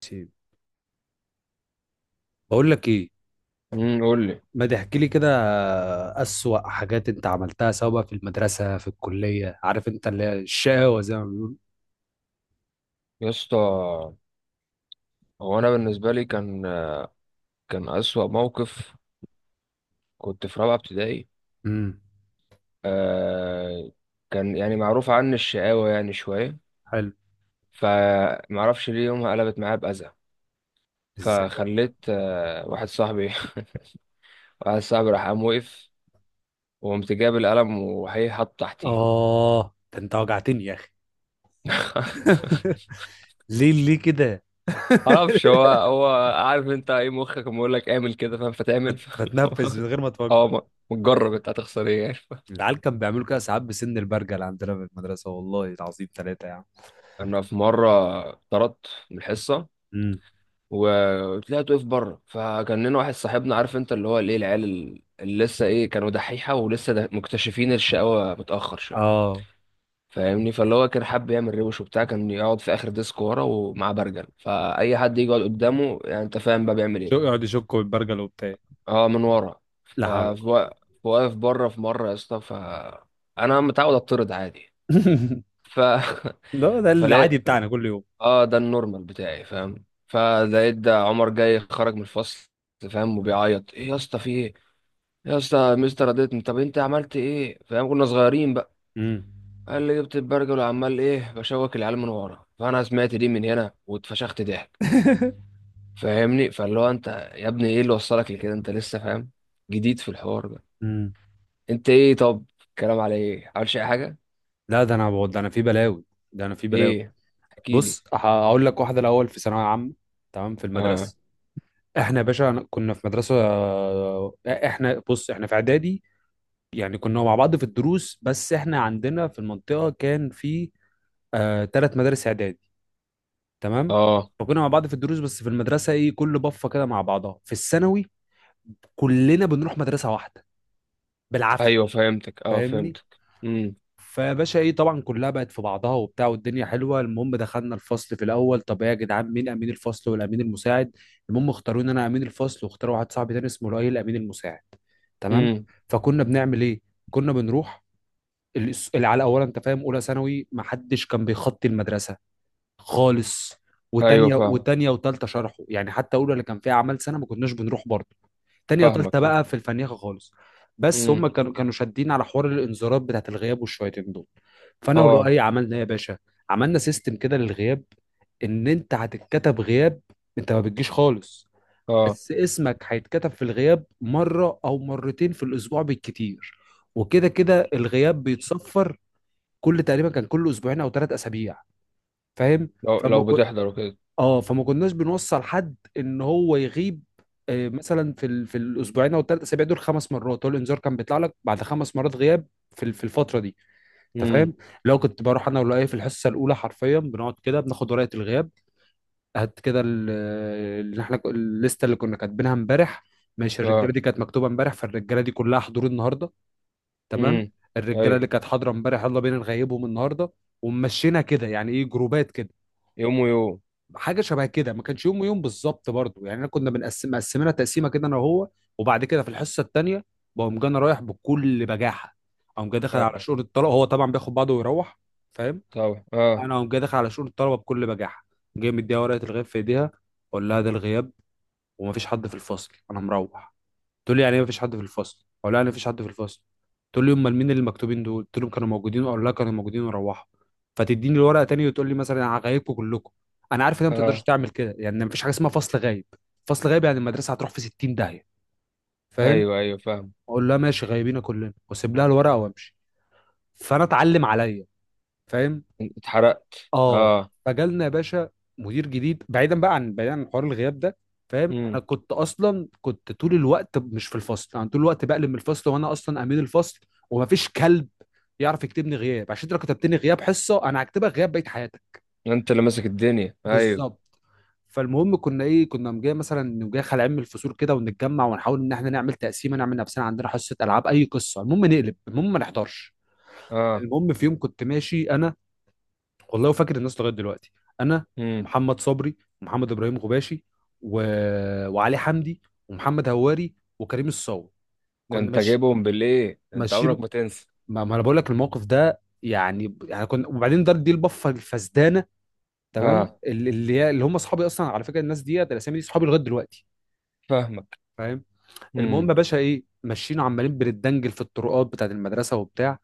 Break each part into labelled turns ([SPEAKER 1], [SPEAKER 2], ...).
[SPEAKER 1] سيب. بقول لك ايه؟
[SPEAKER 2] قول لي.
[SPEAKER 1] ما تحكي لي كده. اسوأ حاجات انت عملتها، سواء بقى في المدرسة في الكلية، عارف انت اللي هي الشقاوة زي ما بيقولوا.
[SPEAKER 2] يا اسطى، هو انا بالنسبه لي كان اسوأ موقف، كنت في رابعه ابتدائي.
[SPEAKER 1] امم.
[SPEAKER 2] آه، كان يعني معروف عني الشقاوه يعني شويه.
[SPEAKER 1] حلو.
[SPEAKER 2] فمعرفش ليه يومها قلبت معايا باذى،
[SPEAKER 1] ازاي بقى؟
[SPEAKER 2] فخليت واحد صاحبي واحد صاحبي راح قام وقف، وقمت جاب القلم وهي حاطه تحتيه.
[SPEAKER 1] اه ده انت وجعتني يا اخي. ليه؟ ليه كده؟
[SPEAKER 2] معرفش هو هو. عارف انت ايه مخك بيقول لك اعمل كده فاهم فتعمل.
[SPEAKER 1] بتنفس من غير ما
[SPEAKER 2] اه،
[SPEAKER 1] تفكر.
[SPEAKER 2] ما تجرب، انت هتخسر ايه يعني؟
[SPEAKER 1] العيال كان بيعملوا كده ساعات بسن البرجل عندنا في المدرسة، والله العظيم ثلاثة يعني.
[SPEAKER 2] انا في مره طردت من الحصه،
[SPEAKER 1] امم.
[SPEAKER 2] وطلعت واقف بره. فكان لنا واحد صاحبنا، عارف انت اللي هو الايه، العيال اللي لسه ايه كانوا دحيحه ولسه ده مكتشفين الشقاوه متاخر شويه،
[SPEAKER 1] اه.
[SPEAKER 2] فاهمني؟ فاللي هو كان حابب يعمل روش وبتاع، كان يقعد في اخر ديسك ورا ومعاه برجل. فاي حد يجي يقعد قدامه، يعني انت فاهم بقى بيعمل
[SPEAKER 1] شو،
[SPEAKER 2] ايه.
[SPEAKER 1] يقعد يشكوا بالبرجل وبتاع.
[SPEAKER 2] اه، من ورا.
[SPEAKER 1] لا حول ولا قوة.
[SPEAKER 2] فواقف بره في مره يا اسطى، فانا متعود اتطرد عادي. ف
[SPEAKER 1] لا، ده
[SPEAKER 2] فلا،
[SPEAKER 1] العادي بتاعنا كل يوم.
[SPEAKER 2] اه، ده النورمال بتاعي فاهم. فلقيت ده عمر جاي خرج من الفصل فاهم وبيعيط. ايه يا اسطى، في ايه؟ يا اسطى مستر رضيتني. طب انت عملت ايه؟ فاهم كنا صغيرين بقى.
[SPEAKER 1] امم.
[SPEAKER 2] قال لي جبت البرجل وعمال ايه بشوك العيال من ورا. فانا سمعت دي من هنا واتفشخت ضحك، فاهمني. فاللي هو انت يا ابني ايه اللي وصلك لكده؟ انت لسه فاهم جديد في الحوار ده.
[SPEAKER 1] مم.
[SPEAKER 2] انت ايه؟ طب الكلام على ايه؟ عملش اي حاجه؟
[SPEAKER 1] لا ده انا بقول، ده انا في بلاوي. ده انا في بلاوي.
[SPEAKER 2] ايه؟ احكي لي.
[SPEAKER 1] بص هقول لك واحده الاول. في ثانويه عامه، تمام، في
[SPEAKER 2] اه.
[SPEAKER 1] المدرسه، احنا يا باشا كنا في مدرسه احنا، بص، احنا في اعدادي يعني، كنا مع بعض في الدروس. بس احنا عندنا في المنطقه كان في ثلاث مدارس اعدادي، تمام.
[SPEAKER 2] اه،
[SPEAKER 1] فكنا مع بعض في الدروس، بس في المدرسه ايه، كل بفه كده مع بعضها في الثانوي، كلنا بنروح مدرسه واحده بالعافيه.
[SPEAKER 2] ايوه فهمتك، اه
[SPEAKER 1] فاهمني؟
[SPEAKER 2] فهمتك. امم.
[SPEAKER 1] فباشا ايه، طبعا كلها بقت في بعضها وبتاع، والدنيا حلوه. المهم دخلنا الفصل في الاول، طب ايه يا جدعان، مين امين الفصل والامين المساعد؟ المهم اختاروا ان انا امين الفصل، واختاروا واحد صاحبي تاني اسمه لؤي الامين المساعد، تمام.
[SPEAKER 2] امم.
[SPEAKER 1] فكنا بنعمل ايه؟ كنا بنروح اللي على اولا، انت فاهم، اولى ثانوي ما حدش كان بيخطي المدرسه خالص،
[SPEAKER 2] ايوه
[SPEAKER 1] وتانية
[SPEAKER 2] فاهم.
[SPEAKER 1] وتانية وتالتة شرحه يعني، حتى اولى اللي كان فيها اعمال سنه ما كناش بنروح برضه، تانية وتالتة
[SPEAKER 2] فاهمك فاهم.
[SPEAKER 1] بقى في الفنيخة خالص. بس هم
[SPEAKER 2] امم.
[SPEAKER 1] كانوا شادين على حوار الانذارات بتاعت الغياب والشويتين دول. فانا
[SPEAKER 2] اه.
[SPEAKER 1] ولؤي عملنا ايه يا باشا؟ عملنا سيستم كده للغياب. ان انت هتتكتب غياب، انت ما بتجيش خالص،
[SPEAKER 2] اه.
[SPEAKER 1] بس اسمك هيتكتب في الغياب مرة او مرتين في الاسبوع بالكتير، وكده كده الغياب بيتصفر كل، تقريبا كان كل اسبوعين او ثلاث اسابيع، فاهم؟
[SPEAKER 2] لو
[SPEAKER 1] فما
[SPEAKER 2] لو بتحضر وكده.
[SPEAKER 1] اه فما كناش بنوصل حد ان هو يغيب آه، مثلا في الاسبوعين او الثلاث اسابيع دول خمس مرات، هو الانذار كان بيطلع لك بعد خمس مرات غياب في الفتره دي، انت
[SPEAKER 2] امم.
[SPEAKER 1] فاهم؟ لو كنت بروح انا ولا ايه في الحصه الاولى، حرفيا بنقعد كده بناخد ورقه الغياب، هات كده اللي، احنا الليسته اللي كنا كاتبينها امبارح، ماشي،
[SPEAKER 2] اه.
[SPEAKER 1] الرجاله دي كانت مكتوبه امبارح، فالرجاله دي كلها حضور النهارده،
[SPEAKER 2] امم.
[SPEAKER 1] تمام. الرجاله
[SPEAKER 2] ايوه.
[SPEAKER 1] اللي كانت حاضره امبارح، يلا بينا نغيبهم النهارده، ومشينا كده، يعني ايه، جروبات كده،
[SPEAKER 2] يوم ويوم.
[SPEAKER 1] حاجه شبه كده، ما كانش يوم ويوم بالظبط برضو يعني، انا كنا بنقسم مقسمينها تقسيمه كده انا وهو. وبعد كده في الحصه الثانيه بقوم جاي انا رايح بكل بجاحه، اقوم جاي داخل على
[SPEAKER 2] اه
[SPEAKER 1] شؤون الطلبه، هو طبعا بياخد بعضه ويروح، فاهم؟
[SPEAKER 2] طبعا. اه.
[SPEAKER 1] انا اقوم جاي داخل على شؤون الطلبه بكل بجاحه، جاي مديها ورقه الغياب في ايديها، اقول لها ده الغياب، ومفيش حد في الفصل، انا مروح. تقول لي يعني ايه مفيش حد في الفصل؟ اقول لها يعني مفيش حد في الفصل. تقول لي امال مين اللي مكتوبين دول قلت لهم كانوا موجودين؟ اقول لها كانوا موجودين وروحوا. فتديني الورقه تاني وتقول لي مثلا انا هغيبكم كلكم. انا عارف ان انت ما تقدرش
[SPEAKER 2] اه.
[SPEAKER 1] تعمل كده، يعني مفيش حاجه اسمها فصل غايب. فصل غايب يعني المدرسه هتروح في 60 داهيه، فاهم؟
[SPEAKER 2] ايوه ايوه فاهم.
[SPEAKER 1] اقول لها ماشي، غايبين كلنا، واسيب لها الورقه وامشي. فانا اتعلم عليا، فاهم؟
[SPEAKER 2] اتحرقت
[SPEAKER 1] اه.
[SPEAKER 2] اه.
[SPEAKER 1] فجالنا يا باشا مدير جديد. بعيدا بقى عن، بعيدا عن حوار الغياب ده، فاهم انا
[SPEAKER 2] امم.
[SPEAKER 1] كنت اصلا، كنت طول الوقت مش في الفصل، انا طول الوقت بقلب من الفصل وانا اصلا امين الفصل، ومفيش كلب يعرف يكتبني غياب، عشان انت لو كتبتني غياب حصه انا هكتبك غياب بقيه حياتك،
[SPEAKER 2] انت اللي ماسك الدنيا، ايوه.
[SPEAKER 1] بالظبط. فالمهم كنا ايه، كنا جاي مثلا نقوم جاي خلع من الفصول كده، ونتجمع ونحاول ان احنا نعمل تقسيمه، نعمل نفسنا عندنا حصه العاب، اي قصه المهم نقلب، المهم ما نحضرش.
[SPEAKER 2] اه.
[SPEAKER 1] المهم في يوم كنت ماشي انا، والله وفاكر الناس لغايه دلوقتي، انا
[SPEAKER 2] امم.
[SPEAKER 1] ومحمد صبري، ومحمد ابراهيم غباشي، و... وعلي حمدي، ومحمد هواري، وكريم الصاوي.
[SPEAKER 2] ده
[SPEAKER 1] كنا
[SPEAKER 2] انت
[SPEAKER 1] ماشي،
[SPEAKER 2] جايبهم بالايه، ده انت عمرك
[SPEAKER 1] ماشيين.
[SPEAKER 2] ما تنسى.
[SPEAKER 1] ما انا بقول لك الموقف ده يعني يعني كنا، وبعدين دار دي البفه الفسدانه،
[SPEAKER 2] اه.
[SPEAKER 1] تمام، اللي هم اصحابي اصلا، على فكره الناس ديت، الاسامي دي اصحابي لغايه دلوقتي،
[SPEAKER 2] فاهمك.
[SPEAKER 1] فاهم؟ المهم
[SPEAKER 2] امم.
[SPEAKER 1] يا باشا ايه، ماشيين عمالين بنتدنجل في الطرقات بتاعت المدرسه وبتاع،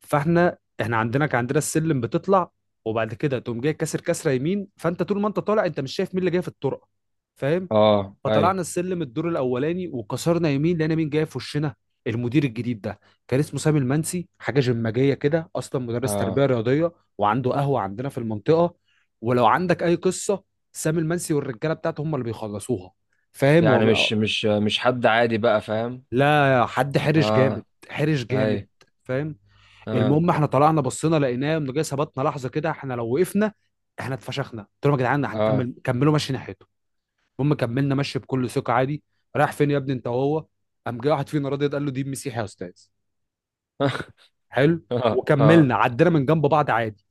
[SPEAKER 1] فاحنا عندنا، كان عندنا السلم بتطلع وبعد كده تقوم جاي كاسر كسره يمين، فانت طول ما انت طالع انت مش شايف مين اللي جاي في الطرقه، فاهم؟
[SPEAKER 2] اه. ايوه.
[SPEAKER 1] فطلعنا السلم الدور الاولاني، وكسرنا يمين، لقينا مين جاي في وشنا. المدير الجديد ده كان اسمه سامي المنسي، حاجه جماجيه كده، اصلا مدرس
[SPEAKER 2] اه.
[SPEAKER 1] تربيه رياضيه، وعنده قهوه عندنا في المنطقه، ولو عندك اي قصه سامي المنسي والرجاله بتاعته هم اللي بيخلصوها، فاهم
[SPEAKER 2] يعني
[SPEAKER 1] هو.
[SPEAKER 2] مش حد عادي بقى فاهم.
[SPEAKER 1] لا حد حرش جامد،
[SPEAKER 2] اه.
[SPEAKER 1] حرش جامد،
[SPEAKER 2] ايوه.
[SPEAKER 1] فاهم.
[SPEAKER 2] اه.
[SPEAKER 1] المهم احنا طلعنا، بصينا لقيناه انه جاي، ثبتنا لحظه كده، احنا لو وقفنا احنا اتفشخنا. قلت لهم يا جدعان
[SPEAKER 2] اه.
[SPEAKER 1] هنكمل، كملوا مشي ناحيته. المهم كملنا مشي بكل ثقه عادي. رايح فين يا ابني انت وهو؟ قام جاي واحد فينا راضي قال له دي مسيحي يا استاذ. حلو.
[SPEAKER 2] اه. اه,
[SPEAKER 1] وكملنا عدينا من جنب بعض عادي.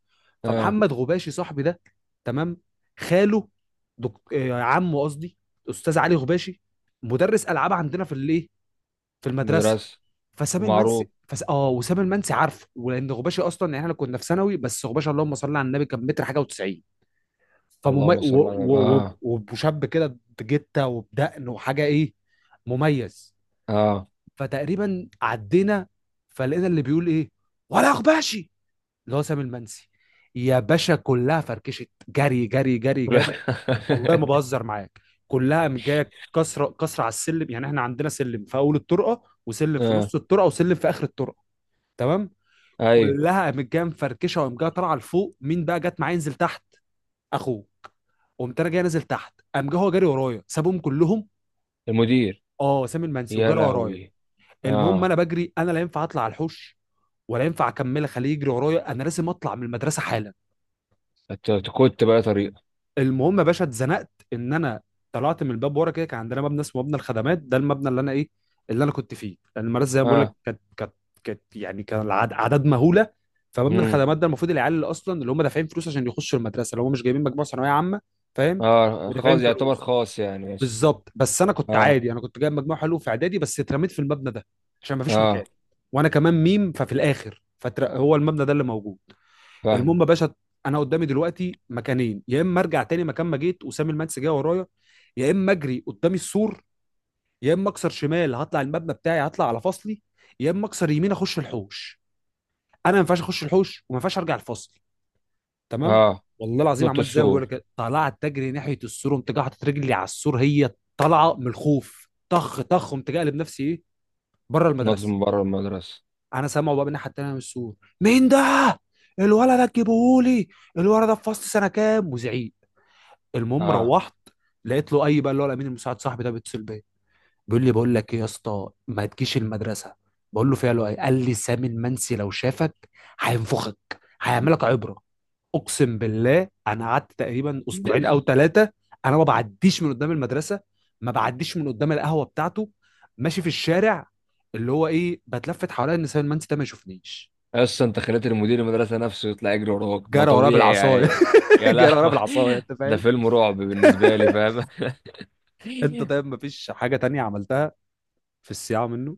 [SPEAKER 2] آه.
[SPEAKER 1] فمحمد غباشي صاحبي ده، تمام، خاله، دك... آه، عمه قصدي، استاذ علي غباشي، مدرس العاب عندنا في الايه، في المدرسه.
[SPEAKER 2] مدرسة.
[SPEAKER 1] فسام
[SPEAKER 2] ومعروف.
[SPEAKER 1] المنسي فس... اه وسام المنسي عارفه، ولان غباشي اصلا، يعني احنا كنا في ثانوي، بس غباشي اللهم صل على النبي، كان متر حاجه و90، فممي...
[SPEAKER 2] اللهم
[SPEAKER 1] و...
[SPEAKER 2] صل على
[SPEAKER 1] و...
[SPEAKER 2] اه.
[SPEAKER 1] و... وشاب كده بجته وبدقن وحاجه، ايه، مميز.
[SPEAKER 2] اه.
[SPEAKER 1] فتقريبا عدينا، فلقينا اللي بيقول ايه ولا غباشي اللي هو سام المنسي. يا باشا كلها فركشت، جري جري جري جري، والله ما بهزر معاك، كلها جايه كسره كسره على السلم، يعني احنا عندنا سلم في اول الطرقه، وسلم في
[SPEAKER 2] اه،
[SPEAKER 1] نص الطرقه، وسلم في اخر الطرقه، تمام.
[SPEAKER 2] ايوه.
[SPEAKER 1] كلها قامت جايه مفركشه، وقام جايه طالعه لفوق. مين بقى جت معايا ينزل تحت؟ اخوه. قمت انا جاي نازل تحت، قام جه هو جاري ورايا، سابهم كلهم.
[SPEAKER 2] المدير.
[SPEAKER 1] اه، سامي المنسي
[SPEAKER 2] يا
[SPEAKER 1] وجاري ورايا.
[SPEAKER 2] لهوي.
[SPEAKER 1] المهم انا
[SPEAKER 2] اه.
[SPEAKER 1] بجري، انا لا ينفع اطلع على الحوش، ولا ينفع اكمل اخليه يجري ورايا، انا لازم اطلع من المدرسه حالا.
[SPEAKER 2] أت- كنت بقى طريقة.
[SPEAKER 1] المهم يا باشا اتزنقت، ان انا طلعت من الباب ورا كده. كان عندنا مبنى اسمه مبنى الخدمات، ده المبنى اللي انا ايه، اللي انا كنت فيه، لان المدرسه زي ما بقول لك
[SPEAKER 2] اه.
[SPEAKER 1] كانت، كانت يعني كان اعداد مهوله. فمبنى
[SPEAKER 2] امم.
[SPEAKER 1] الخدمات ده المفروض العيال اللي اصلا، اللي هم دافعين فلوس عشان يخشوا المدرسه، اللي هم مش جايبين مجموعه ثانويه عامه، فاهم؟
[SPEAKER 2] اه،
[SPEAKER 1] ودافعين
[SPEAKER 2] خاص يعتبر
[SPEAKER 1] فلوس،
[SPEAKER 2] خاص يعني ماشي.
[SPEAKER 1] بالظبط. بس انا كنت
[SPEAKER 2] اه.
[SPEAKER 1] عادي، انا كنت جايب مجموع حلو في اعدادي، بس اترميت في المبنى ده عشان ما فيش
[SPEAKER 2] اه
[SPEAKER 1] مكان، وانا كمان ميم، ففي الاخر فهو المبنى ده اللي موجود.
[SPEAKER 2] فاهمة.
[SPEAKER 1] المهم يا باشا، انا قدامي دلوقتي مكانين، يا اما ارجع تاني مكان ما جيت وسام المنسي جاي ورايا، يا اما اجري قدام السور، يا اما اكسر شمال هطلع المبنى بتاعي هطلع على فصلي، يا اما اكسر يمين اخش الحوش، انا ما ينفعش اخش الحوش وما ينفعش ارجع الفصل، تمام.
[SPEAKER 2] اه.
[SPEAKER 1] والله العظيم
[SPEAKER 2] نط
[SPEAKER 1] عملت زي ما
[SPEAKER 2] السور.
[SPEAKER 1] بقول لك، طلعت تجري ناحيه السور، قمت جاي حاطط رجلي على السور، هي طالعه من الخوف طخ طخ، قمت جاي قلب نفسي ايه، بره
[SPEAKER 2] نط
[SPEAKER 1] المدرسه.
[SPEAKER 2] من بره المدرسة.
[SPEAKER 1] انا سامعه بقى من الناحيه التانيه من السور، مين ده الولد ده، تجيبهولي الولد ده في فصل سنه كام، وزعيق. المهم
[SPEAKER 2] اه.
[SPEAKER 1] روحت، لقيت له اي بقى، اللي هو الامين المساعد صاحبي ده بيتصل بيا، بيقول لي بقول لك ايه يا اسطى، ما تجيش المدرسه. بقول له فيها له ايه؟ قال لي سامي المنسي لو شافك هينفخك، هيعملك عبره. اقسم بالله انا قعدت تقريبا اسبوعين او ثلاثه، انا ما بعديش من قدام المدرسه، ما بعديش من قدام القهوه بتاعته، ماشي في الشارع اللي هو ايه، بتلفت حواليا ان سامي المنسي ده ما يشوفنيش.
[SPEAKER 2] اصلا انت خليت المدير المدرسة نفسه يطلع يجري وراك، ما
[SPEAKER 1] جرى ورايا
[SPEAKER 2] طبيعي
[SPEAKER 1] بالعصايه،
[SPEAKER 2] يعني. يا
[SPEAKER 1] جرى ورايا
[SPEAKER 2] لهوي.
[SPEAKER 1] بالعصايه، انت
[SPEAKER 2] ده
[SPEAKER 1] فاهم.
[SPEAKER 2] فيلم رعب بالنسبة لي فاهم.
[SPEAKER 1] انت طيب، ما فيش حاجه تانية عملتها في الصياعه منه؟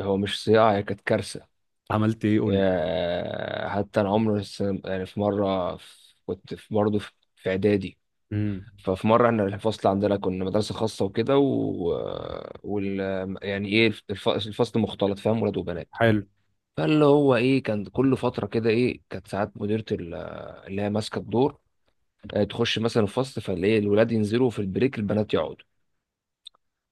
[SPEAKER 2] هو مش صياعة، هي كانت كارثة.
[SPEAKER 1] عملت ايه قول لي.
[SPEAKER 2] آه، حتى انا عمري يعني في مره كنت في برضه في اعدادي.
[SPEAKER 1] امم.
[SPEAKER 2] ففي مره احنا الفصل عندنا كنا مدرسه خاصه وكده وال يعني ايه الفصل مختلط فاهم ولاد وبنات.
[SPEAKER 1] حلو.
[SPEAKER 2] فاللي هو ايه كان كل فتره كده ايه كانت ساعات مديره اللي هي ماسكه الدور. آه، تخش مثلا الفصل، فالاقي الولاد ينزلوا في البريك، البنات يقعدوا.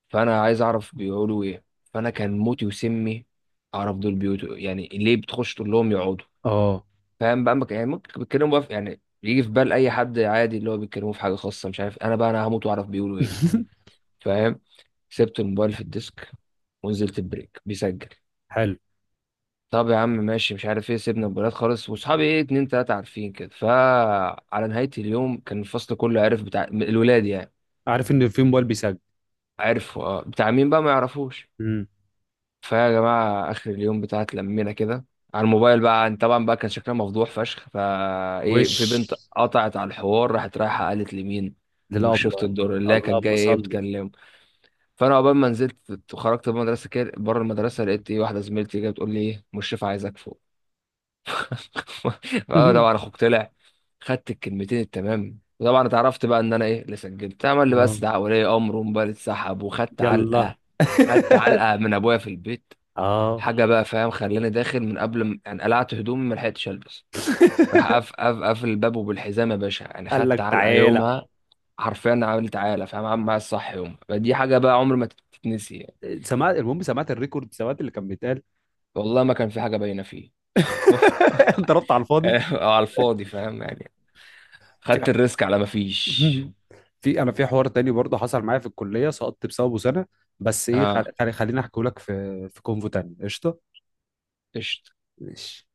[SPEAKER 2] فانا عايز اعرف بيقولوا ايه. فانا كان موتي وسمي اعرف دول بيوتوا، يعني ليه بتخش تقول لهم يقعدوا.
[SPEAKER 1] اه.
[SPEAKER 2] فاهم بقى، يعني ممكن بيتكلموا بقى في، يعني يجي في بال اي حد عادي اللي هو بيتكلموا في حاجه خاصه، مش عارف، انا بقى انا هموت واعرف بيقولوا ايه فاهم. سبت الموبايل في الديسك ونزلت البريك بيسجل.
[SPEAKER 1] حلو،
[SPEAKER 2] طب يا عم، ماشي، مش عارف ايه، سيبنا الموبايلات خالص، واصحابي ايه اتنين تلاته عارفين كده. فعلى نهايه اليوم كان الفصل كله عارف بتاع الولاد يعني.
[SPEAKER 1] عارف ان في موبايل بيسجل.
[SPEAKER 2] عرفوا اه، بتاع مين بقى ما يعرفوش.
[SPEAKER 1] امم.
[SPEAKER 2] فيا جماعة آخر اليوم بتاع اتلمينا كده على الموبايل بقى، طبعا بقى كان شكلها مفضوح فشخ. فا إيه،
[SPEAKER 1] وش
[SPEAKER 2] في بنت قطعت على الحوار، راحت رايحة قالت لمين؟ ومش شفت
[SPEAKER 1] للابله.
[SPEAKER 2] الدور اللي هي كانت
[SPEAKER 1] اللهم
[SPEAKER 2] جاية إيه
[SPEAKER 1] صل.
[SPEAKER 2] بتكلمه. فأنا عقبال ما نزلت وخرجت من المدرسة كده بره المدرسة، لقيت إيه واحدة زميلتي جاية بتقول لي إيه، مشرف عايزك فوق. أه طبعا، أخوك طلع. خدت الكلمتين التمام، وطبعا اتعرفت بقى إن أنا إيه اللي سجلت عمل لي،
[SPEAKER 1] اه،
[SPEAKER 2] بس ده ولي أمر، وموبايل اتسحب وخدت
[SPEAKER 1] يلا.
[SPEAKER 2] علقة. خدت علقة من أبويا في البيت.
[SPEAKER 1] اه.
[SPEAKER 2] حاجه بقى فاهم، خلاني داخل من قبل ما يعني قلعت هدومي ما لحقتش البس. راح قف قف قفل الباب، وبالحزام يا باشا، يعني
[SPEAKER 1] قال
[SPEAKER 2] خدت
[SPEAKER 1] لك
[SPEAKER 2] علقه
[SPEAKER 1] تعالى.
[SPEAKER 2] يومها. حرفيا عملت عاله فاهم، عامل معايا الصح يومها، فدي حاجه بقى عمر ما تتنسي يعني.
[SPEAKER 1] سمعت، المهم سمعت الريكورد، سمعت اللي كان بيتقال.
[SPEAKER 2] والله ما كان في حاجه باينه فيه.
[SPEAKER 1] ضربت على الفاضي.
[SPEAKER 2] على الفاضي فاهم يعني، خدت
[SPEAKER 1] في،
[SPEAKER 2] الريسك على ما فيش.
[SPEAKER 1] في، انا في حوار تاني برضه حصل معايا في الكليه، سقطت بسببه سنه، بس ايه
[SPEAKER 2] اه.
[SPEAKER 1] خليني احكي لك في، في كونفو تاني قشطه.
[SPEAKER 2] قشطة.
[SPEAKER 1] ماشي.